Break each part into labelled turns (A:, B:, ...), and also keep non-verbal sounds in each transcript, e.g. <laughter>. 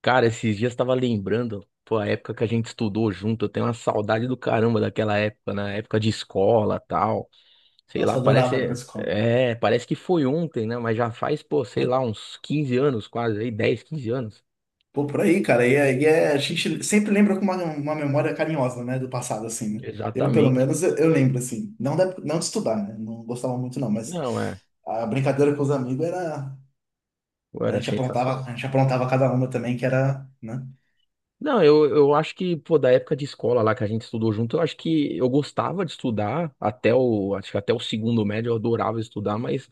A: Cara, esses dias tava lembrando, pô, a época que a gente estudou junto, eu tenho uma saudade do caramba daquela época, na época de escola, tal. Sei lá,
B: Nossa, adorava a época
A: parece,
B: escola.
A: é, parece que foi ontem, né? Mas já faz, pô, sei lá, uns 15 anos quase, aí 10, 15 anos.
B: Pô, por aí, cara. E a gente sempre lembra com uma memória carinhosa, né? Do passado, assim, né? Eu, pelo
A: Exatamente.
B: menos, eu lembro, assim. Não, não de estudar, né? Não gostava muito, não. Mas
A: Não, é,
B: a brincadeira com os amigos era.
A: pô, era sensacional.
B: A gente aprontava cada uma também, que era, né?
A: Não, eu acho que, pô, da época de escola lá que a gente estudou junto, eu acho que eu gostava de estudar até o, acho que até o segundo médio eu adorava estudar, mas,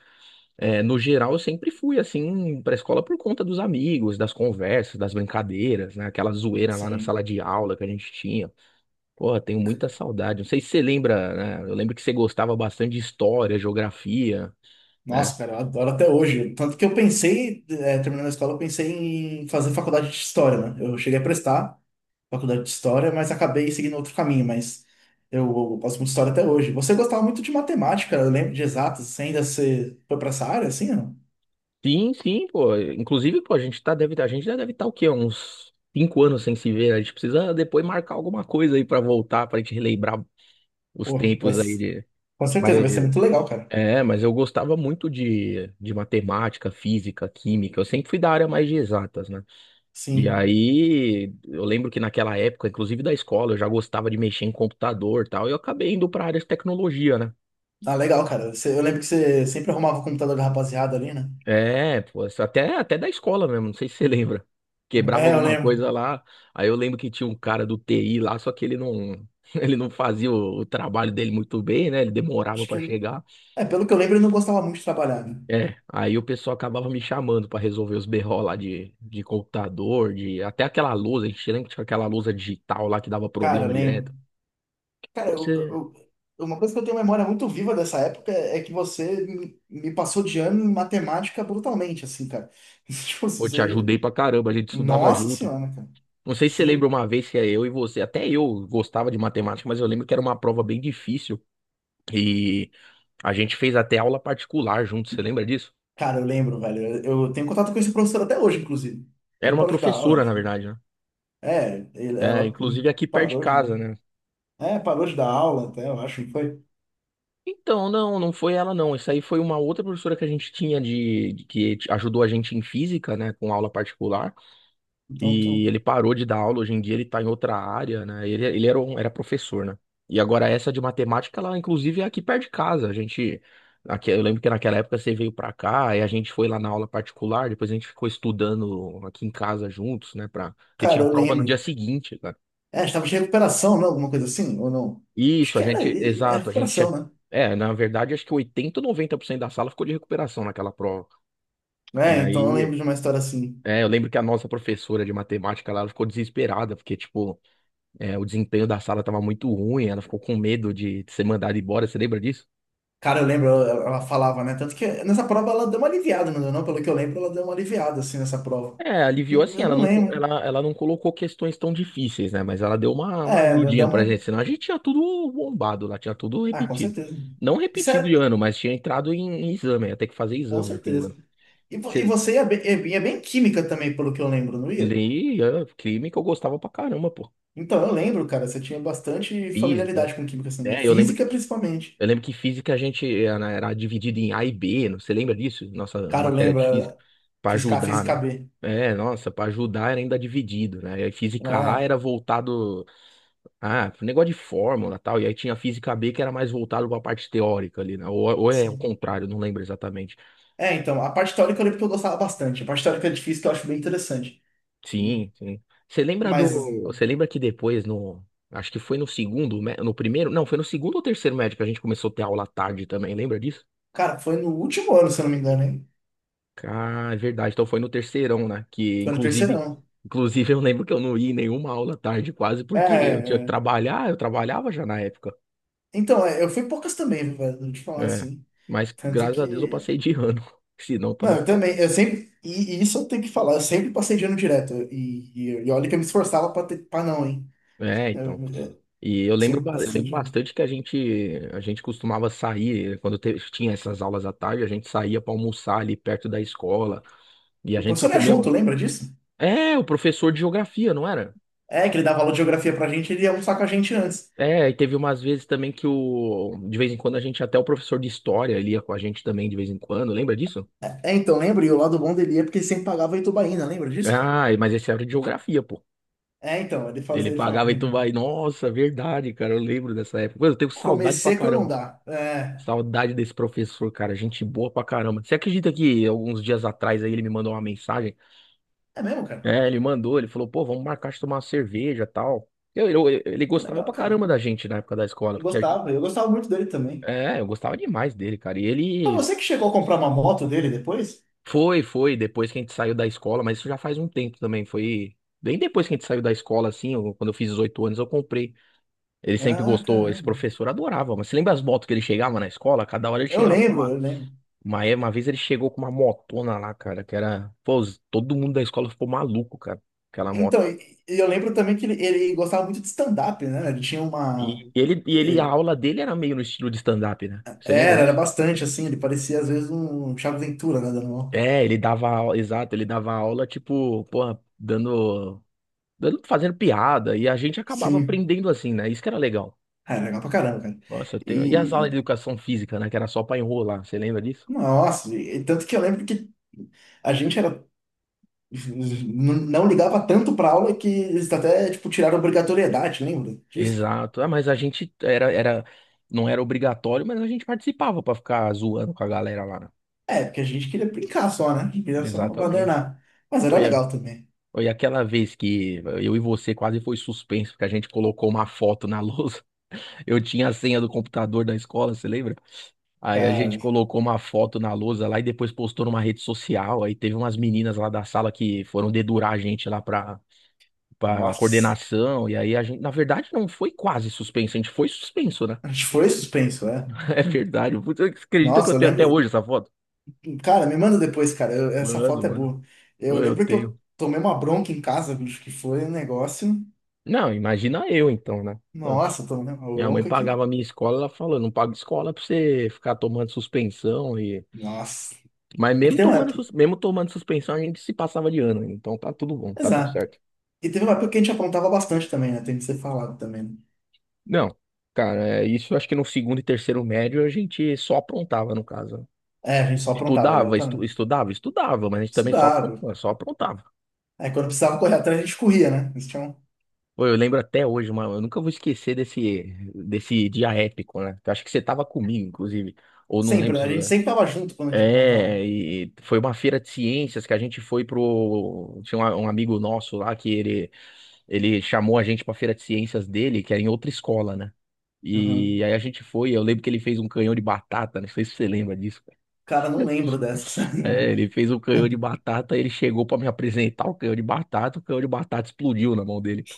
A: No geral, eu sempre fui assim para a escola por conta dos amigos, das conversas, das brincadeiras, né? Aquela zoeira lá na
B: Sim.
A: sala de aula que a gente tinha. Porra, tenho muita saudade. Não sei se você lembra, né? Eu lembro que você gostava bastante de história, geografia, né?
B: Nossa, cara, eu adoro até hoje. Tanto que eu pensei, terminando a escola, eu pensei em fazer faculdade de História, né? Eu cheguei a prestar, faculdade de história, mas acabei seguindo outro caminho, mas eu gosto muito de história até hoje. Você gostava muito de matemática, eu lembro de exatas, você foi pra essa área, assim, não?
A: Sim, sim, pô. Inclusive, pô, a gente tá, deve, a gente já deve estar o quê? Uns 5 anos sem se ver. A gente precisa depois marcar alguma coisa aí para voltar, pra gente relembrar os
B: Pô,
A: tempos aí de.
B: com certeza
A: Mas
B: vai ser muito legal, cara.
A: mas eu gostava muito de, matemática, física, química. Eu sempre fui da área mais de exatas, né? E
B: Sim.
A: aí, eu lembro que naquela época, inclusive da escola, eu já gostava de mexer em computador e tal. E eu acabei indo para área de tecnologia, né?
B: Ah, legal, cara. Eu lembro que você sempre arrumava o computador da rapaziada ali, né?
A: É, pô, isso até, até da escola mesmo, não sei se você <laughs> lembra. Quebrava
B: É, eu
A: alguma
B: lembro.
A: coisa lá. Aí eu lembro que tinha um cara do TI lá, só que ele não, <laughs> ele não fazia o, trabalho dele muito bem, né? Ele demorava
B: Acho
A: para
B: que.
A: chegar.
B: É, pelo que eu lembro, ele não gostava muito de trabalhar, né?
A: É, aí o pessoal acabava me chamando pra resolver os BO lá de computador, de até aquela lousa, a gente lembra que tinha aquela lousa digital lá que dava
B: Cara, eu
A: problema
B: lembro.
A: direto.
B: Cara,
A: Você,
B: uma coisa que eu tenho memória muito viva dessa época é que você me passou de ano em matemática brutalmente, assim, cara. <laughs> Tipo,
A: eu te
B: você.
A: ajudei pra caramba, a gente estudava
B: Nossa
A: junto.
B: senhora, né, cara.
A: Não sei se você
B: Sim,
A: lembra uma vez que é eu e você, até eu gostava de matemática, mas eu lembro que era uma prova bem difícil e a gente fez até aula particular junto, você lembra disso?
B: cara, eu lembro, velho. Eu tenho contato com esse professor até hoje, inclusive.
A: Era
B: Ele
A: uma
B: parou de dar aula,
A: professora, na
B: enfim.
A: verdade, né?
B: É, ele,
A: É,
B: ela
A: inclusive aqui perto de
B: parou de
A: casa,
B: não.
A: né?
B: É, parou de dar aula até, eu acho que foi.
A: Então, não, não foi ela não. Isso aí foi uma outra professora que a gente tinha de, ajudou a gente em física, né, com aula particular.
B: Então,
A: E
B: então.
A: ele parou de dar aula, hoje em dia ele tá em outra área, né? Ele era professor, né? E agora essa de matemática, ela inclusive é aqui perto de casa. A gente aqui, eu lembro que naquela época você veio pra cá e a gente foi lá na aula particular, depois a gente ficou estudando aqui em casa juntos, né, para que
B: Cara,
A: tinha
B: eu
A: prova no dia
B: lembro.
A: seguinte, né.
B: É, estava de recuperação, não? Alguma coisa assim, ou não? Acho
A: Isso, a
B: que era
A: gente,
B: é
A: exato, a gente
B: recuperação,
A: tinha,
B: né?
A: na verdade, acho que 80 ou noventa por cento da sala ficou de recuperação naquela prova. E
B: É, então eu lembro
A: aí,
B: de uma história assim.
A: eu lembro que a nossa professora de matemática, lá, ela ficou desesperada, porque, tipo, o desempenho da sala tava muito ruim, ela ficou com medo de ser mandada embora, você lembra disso?
B: Cara, eu lembro, ela falava, né? Tanto que nessa prova ela deu uma aliviada, não deu, não? Pelo que eu lembro, ela deu uma aliviada, assim, nessa prova.
A: É, aliviou assim,
B: Eu
A: ela
B: não
A: não, co-
B: lembro.
A: ela, ela não colocou questões tão difíceis, né? Mas ela deu uma
B: É, deu
A: ajudinha pra
B: uma.
A: gente, senão a gente tinha tudo bombado lá, tinha tudo
B: Ah, com
A: repetido.
B: certeza.
A: Não
B: Isso
A: repetido
B: é,
A: de ano, mas tinha entrado em exame, ia ter que fazer
B: com
A: exame no fim do ano.
B: certeza. E você ia bem em química também, pelo que eu lembro, não ia?
A: Li, crime que eu gostava pra caramba, pô.
B: Então, eu lembro, cara, você tinha bastante
A: Física.
B: familiaridade com química, assim, né?
A: É, eu lembro
B: Física,
A: que,
B: principalmente.
A: eu lembro que física a gente era dividido em A e B, você lembra disso? Nossa
B: Cara, eu
A: matéria
B: lembro,
A: de física.
B: era
A: Pra
B: física, A,
A: ajudar,
B: física
A: né?
B: B.
A: É, nossa, pra ajudar era ainda dividido, né? E aí física A
B: É,
A: era voltado. Ah, pro negócio de fórmula e tal. E aí tinha física B que era mais voltado pra parte teórica ali, né? Ou é o
B: sim.
A: contrário, não lembro exatamente.
B: É, então, a parte teórica eu lembro que eu gostava bastante. A parte teórica de física eu acho bem interessante.
A: Sim, sim. Você lembra
B: Mas,
A: do. Você lembra que depois no. Acho que foi no segundo, mé- no primeiro. Não, foi no segundo ou terceiro médico que a gente começou a ter aula à tarde também, lembra disso?
B: cara, foi no último ano, se eu não me engano, hein?
A: Ah, é verdade. Então foi no terceirão, né? Que
B: Foi no
A: inclusive.
B: terceirão.
A: Inclusive, eu lembro que eu não ia em nenhuma aula à tarde, quase,
B: É,
A: porque eu
B: é,
A: tinha que
B: é.
A: trabalhar, eu trabalhava já na época.
B: Então, eu fui poucas também, velho, vou te falar
A: É.
B: assim.
A: Mas
B: Tanto
A: graças a Deus eu
B: que
A: passei de ano. <laughs> Senão eu
B: Não,
A: tava
B: eu
A: ferrado.
B: também, e isso eu tenho que falar, eu sempre passei de ano direto, e olha que eu me esforçava pra, pra não, hein,
A: É,
B: eu,
A: então.
B: eu
A: E eu lembro,
B: sempre
A: eu
B: passei
A: lembro
B: de ano.
A: bastante que a gente costumava sair, quando tinha essas aulas à tarde, a gente saía para almoçar ali perto da escola. E a
B: O
A: gente só
B: professor era
A: comia.
B: junto, lembra disso?
A: É, o professor de geografia, não era?
B: É, que ele dava aula de geografia pra gente, ele ia almoçar com a gente antes.
A: É, e teve umas vezes também que o. De vez em quando a gente, até o professor de história ele ia com a gente também de vez em quando, lembra disso?
B: É, então, lembra? E o lado bom dele é porque ele sempre pagava a Itubaína, lembra disso, cara?
A: Ah, mas esse era de geografia, pô.
B: É, então, ele
A: Ele
B: fazia, ele falava,
A: pagava e
B: né,
A: tu vai. Nossa, verdade, cara, eu lembro dessa época. Mano, eu tenho saudade pra
B: comecei quando não
A: caramba.
B: dá. É,
A: Saudade desse professor, cara. Gente boa pra caramba. Você acredita que alguns dias atrás aí ele me mandou uma mensagem?
B: é mesmo, cara?
A: É, ele mandou, ele falou, pô, vamos marcar de tomar uma cerveja e tal. Ele
B: Pô,
A: gostava
B: legal,
A: pra
B: cara.
A: caramba da gente na época da escola, porque a gente.
B: Eu gostava muito dele também.
A: É, eu gostava demais dele, cara. E
B: Foi
A: ele
B: você que chegou a comprar uma moto dele depois?
A: depois que a gente saiu da escola, mas isso já faz um tempo também. Foi bem depois que a gente saiu da escola, assim, quando eu fiz 18 anos, eu comprei. Ele sempre
B: Ah,
A: gostou, esse
B: caramba.
A: professor adorava, mas você lembra as motos que ele chegava na escola? Cada hora ele
B: Eu
A: chegava.
B: lembro, eu lembro.
A: Uma vez ele chegou com uma motona lá, cara, que era. Pô, todo mundo da escola ficou maluco, cara, aquela moto.
B: Então, e eu lembro também que ele gostava muito de stand-up, né? Ele tinha uma.
A: A
B: ele-
A: aula dele era meio no estilo de stand-up, né? Você lembra
B: Era, era
A: disso?
B: bastante, assim, ele parecia às vezes um Thiago Ventura, né? Dando uma.
A: É, ele dava aula, exato, ele dava aula, tipo, porra, dando, fazendo piada, e a gente acabava
B: Sim.
A: aprendendo assim, né? Isso que era legal.
B: Ah, era legal pra caramba, cara.
A: Nossa, eu tenho. E as aulas de
B: E.
A: educação física, né? Que era só pra enrolar, você lembra disso?
B: Nossa, e tanto que eu lembro que a gente era. Não ligava tanto pra aula que eles até, tipo, tiraram a obrigatoriedade, lembra disso?
A: Exato. Ah, mas a gente não era obrigatório, mas a gente participava pra ficar zoando com a galera lá, né?
B: É, porque a gente queria brincar só, né? A gente queria só
A: Exatamente.
B: abandonar. Mas era
A: Foi, a-
B: legal também.
A: foi aquela vez que eu e você quase foi suspenso, porque a gente colocou uma foto na lousa. <laughs> Eu tinha a senha do computador da escola, você lembra? Aí a gente
B: Cara,
A: colocou uma foto na lousa lá e depois postou numa rede social. Aí teve umas meninas lá da sala que foram dedurar a gente lá pra
B: nossa.
A: coordenação. E aí a gente, na verdade, não foi quase suspenso, a gente foi suspenso, né?
B: A gente foi suspenso, é.
A: <laughs> É verdade. Putz, você acredita que eu
B: Nossa, eu
A: tenho até
B: lembro.
A: hoje essa foto?
B: Cara, me manda depois, cara. Essa
A: Mano,
B: foto é
A: mano,
B: boa. Eu
A: eu
B: lembro que
A: tenho.
B: eu tomei uma bronca em casa, bicho, que foi um negócio.
A: Não, imagina eu então, né?
B: Nossa, eu tomei uma
A: Minha mãe
B: bronca aqui.
A: pagava a minha escola, ela falou, não paga escola pra você ficar tomando suspensão e.
B: Nossa.
A: Mas
B: É que
A: mesmo
B: tem uma
A: tomando,
B: época.
A: suspensão, a gente se passava de ano, então tá tudo bom, tá tudo
B: Exato.
A: certo.
B: E teve uma época que a gente aprontava bastante também, né? Tem que ser falado também, né?
A: Não, cara, isso eu acho que no segundo e terceiro médio a gente só aprontava, no caso.
B: É, a gente só aprontava,
A: Estudava, estu-
B: exatamente.
A: estudava, estudava, mas a gente também só
B: Estudava.
A: aprontava, só aprontava.
B: Aí quando precisava correr atrás, a gente corria, né? Eles tinham.
A: Pô, eu lembro até hoje, mano, eu nunca vou esquecer desse dia épico, né? Eu acho que você tava comigo, inclusive, ou não
B: Sempre,
A: lembro.
B: né? A gente sempre tava junto quando a gente aprontava.
A: É, e foi uma feira de ciências que a gente foi pro. Tinha um amigo nosso lá que ele chamou a gente pra feira de ciências dele, que era em outra escola, né? E
B: Uhum.
A: aí a gente foi, eu lembro que ele fez um canhão de batata, não sei se você lembra disso, cara.
B: Cara, não lembro dessas.
A: É, ele fez um canhão de batata, ele chegou pra me apresentar o canhão de batata, o canhão de batata explodiu na mão dele, pô.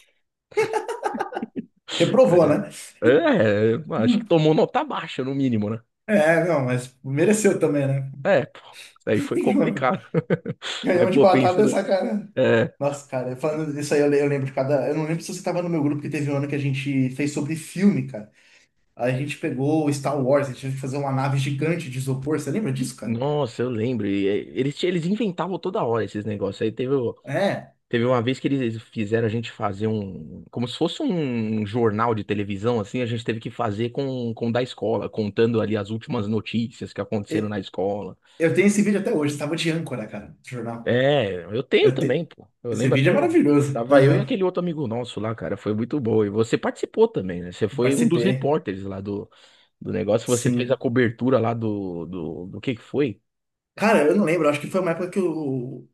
B: <laughs>
A: <laughs>
B: Reprovou,
A: Cara,
B: né?
A: é, acho que
B: Hum.
A: tomou nota baixa, no mínimo, né?
B: É, não, mas mereceu também, né?
A: É, pô, isso aí foi
B: <laughs>
A: complicado. <laughs> Mas,
B: Canhão de
A: pô, pensa,
B: batata é
A: né?
B: sacanagem.
A: É.
B: Nossa, cara, falando disso aí, eu lembro de cada. Eu não lembro se você tava no meu grupo, porque teve um ano que a gente fez sobre filme, cara. A gente pegou o Star Wars, a gente teve que fazer uma nave gigante de isopor. Você lembra disso, cara?
A: Nossa, eu lembro. E, eles inventavam toda hora esses negócios.
B: É.
A: Teve uma vez que eles fizeram a gente fazer um. Como se fosse um jornal de televisão, assim. A gente teve que fazer com o da escola, contando ali as últimas notícias que aconteceram
B: e-
A: na escola.
B: Eu tenho esse vídeo até hoje, tava de âncora, cara, do jornal.
A: É, eu tenho
B: Eu te-
A: também, pô. Eu
B: Esse
A: lembro
B: vídeo
A: até
B: é
A: hoje.
B: maravilhoso.
A: Tava eu e
B: Aham.
A: aquele outro amigo nosso lá, cara. Foi muito bom. E você participou também, né? Você foi um dos
B: Participei.
A: repórteres lá do negócio. Você fez a
B: Sim.
A: cobertura lá do que foi?
B: Cara, eu não lembro, acho que foi uma época que o.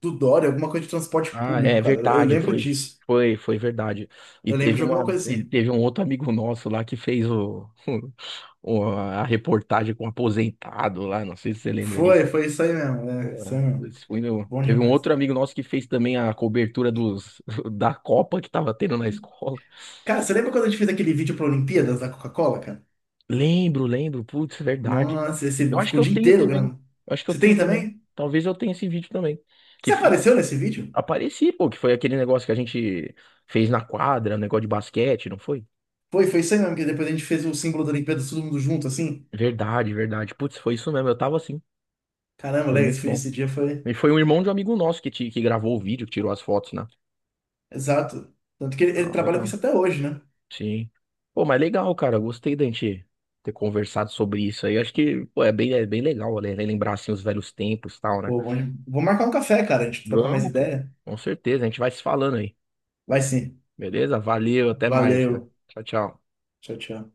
B: Do Dória, alguma coisa de transporte
A: Ah,
B: público,
A: é
B: cara. Eu
A: verdade,
B: lembro
A: foi,
B: disso.
A: foi, foi verdade. E
B: Eu lembro
A: teve
B: de alguma
A: uma,
B: coisa
A: e
B: assim.
A: teve um outro amigo nosso lá que fez o, <laughs> o- a reportagem com o aposentado lá, não sei se você lembra disso.
B: Foi isso aí mesmo. É, isso aí
A: É,
B: mesmo.
A: esse
B: Bom
A: teve um
B: demais.
A: outro amigo nosso que fez também a cobertura dos, <laughs> da Copa que tava tendo na escola.
B: Cara, você lembra quando a gente fez aquele vídeo para Olimpíadas da Coca-Cola, cara?
A: Lembro, lembro, putz, é verdade, cara.
B: Nossa,
A: Eu
B: esse
A: acho que
B: ficou o
A: eu
B: dia
A: tenho
B: inteiro
A: também.
B: gravando.
A: Eu acho que eu
B: Você
A: tenho
B: tem
A: também.
B: também?
A: Talvez eu tenha esse vídeo também. Que
B: Você
A: foi,
B: apareceu nesse vídeo?
A: apareci, pô, que foi aquele negócio que a gente fez na quadra, um negócio de basquete, não foi?
B: Foi isso aí mesmo, que depois a gente fez o símbolo da Olimpíada todo mundo junto, assim.
A: Verdade, verdade. Putz, foi isso mesmo. Eu tava assim.
B: Caramba,
A: Foi
B: legal, esse,
A: muito
B: foi-
A: bom.
B: esse dia foi.
A: E foi um irmão de um amigo nosso que gravou o vídeo, que tirou as fotos, né?
B: Exato. Tanto que ele
A: Ah,
B: trabalha com
A: legal.
B: isso até hoje, né?
A: Sim. Pô, mas legal, cara. Gostei da gente ter conversado sobre isso aí. Acho que, pô, é bem legal, né? Lembrar, assim, os velhos tempos e tal, né?
B: Pô, bom, vou marcar um café, cara, a gente trocar mais
A: Vamos, pô.
B: ideia.
A: Com certeza. A gente vai se falando aí.
B: Vai sim.
A: Beleza? Valeu, até mais, cara.
B: Valeu.
A: Tchau, tchau.
B: Tchau, tchau.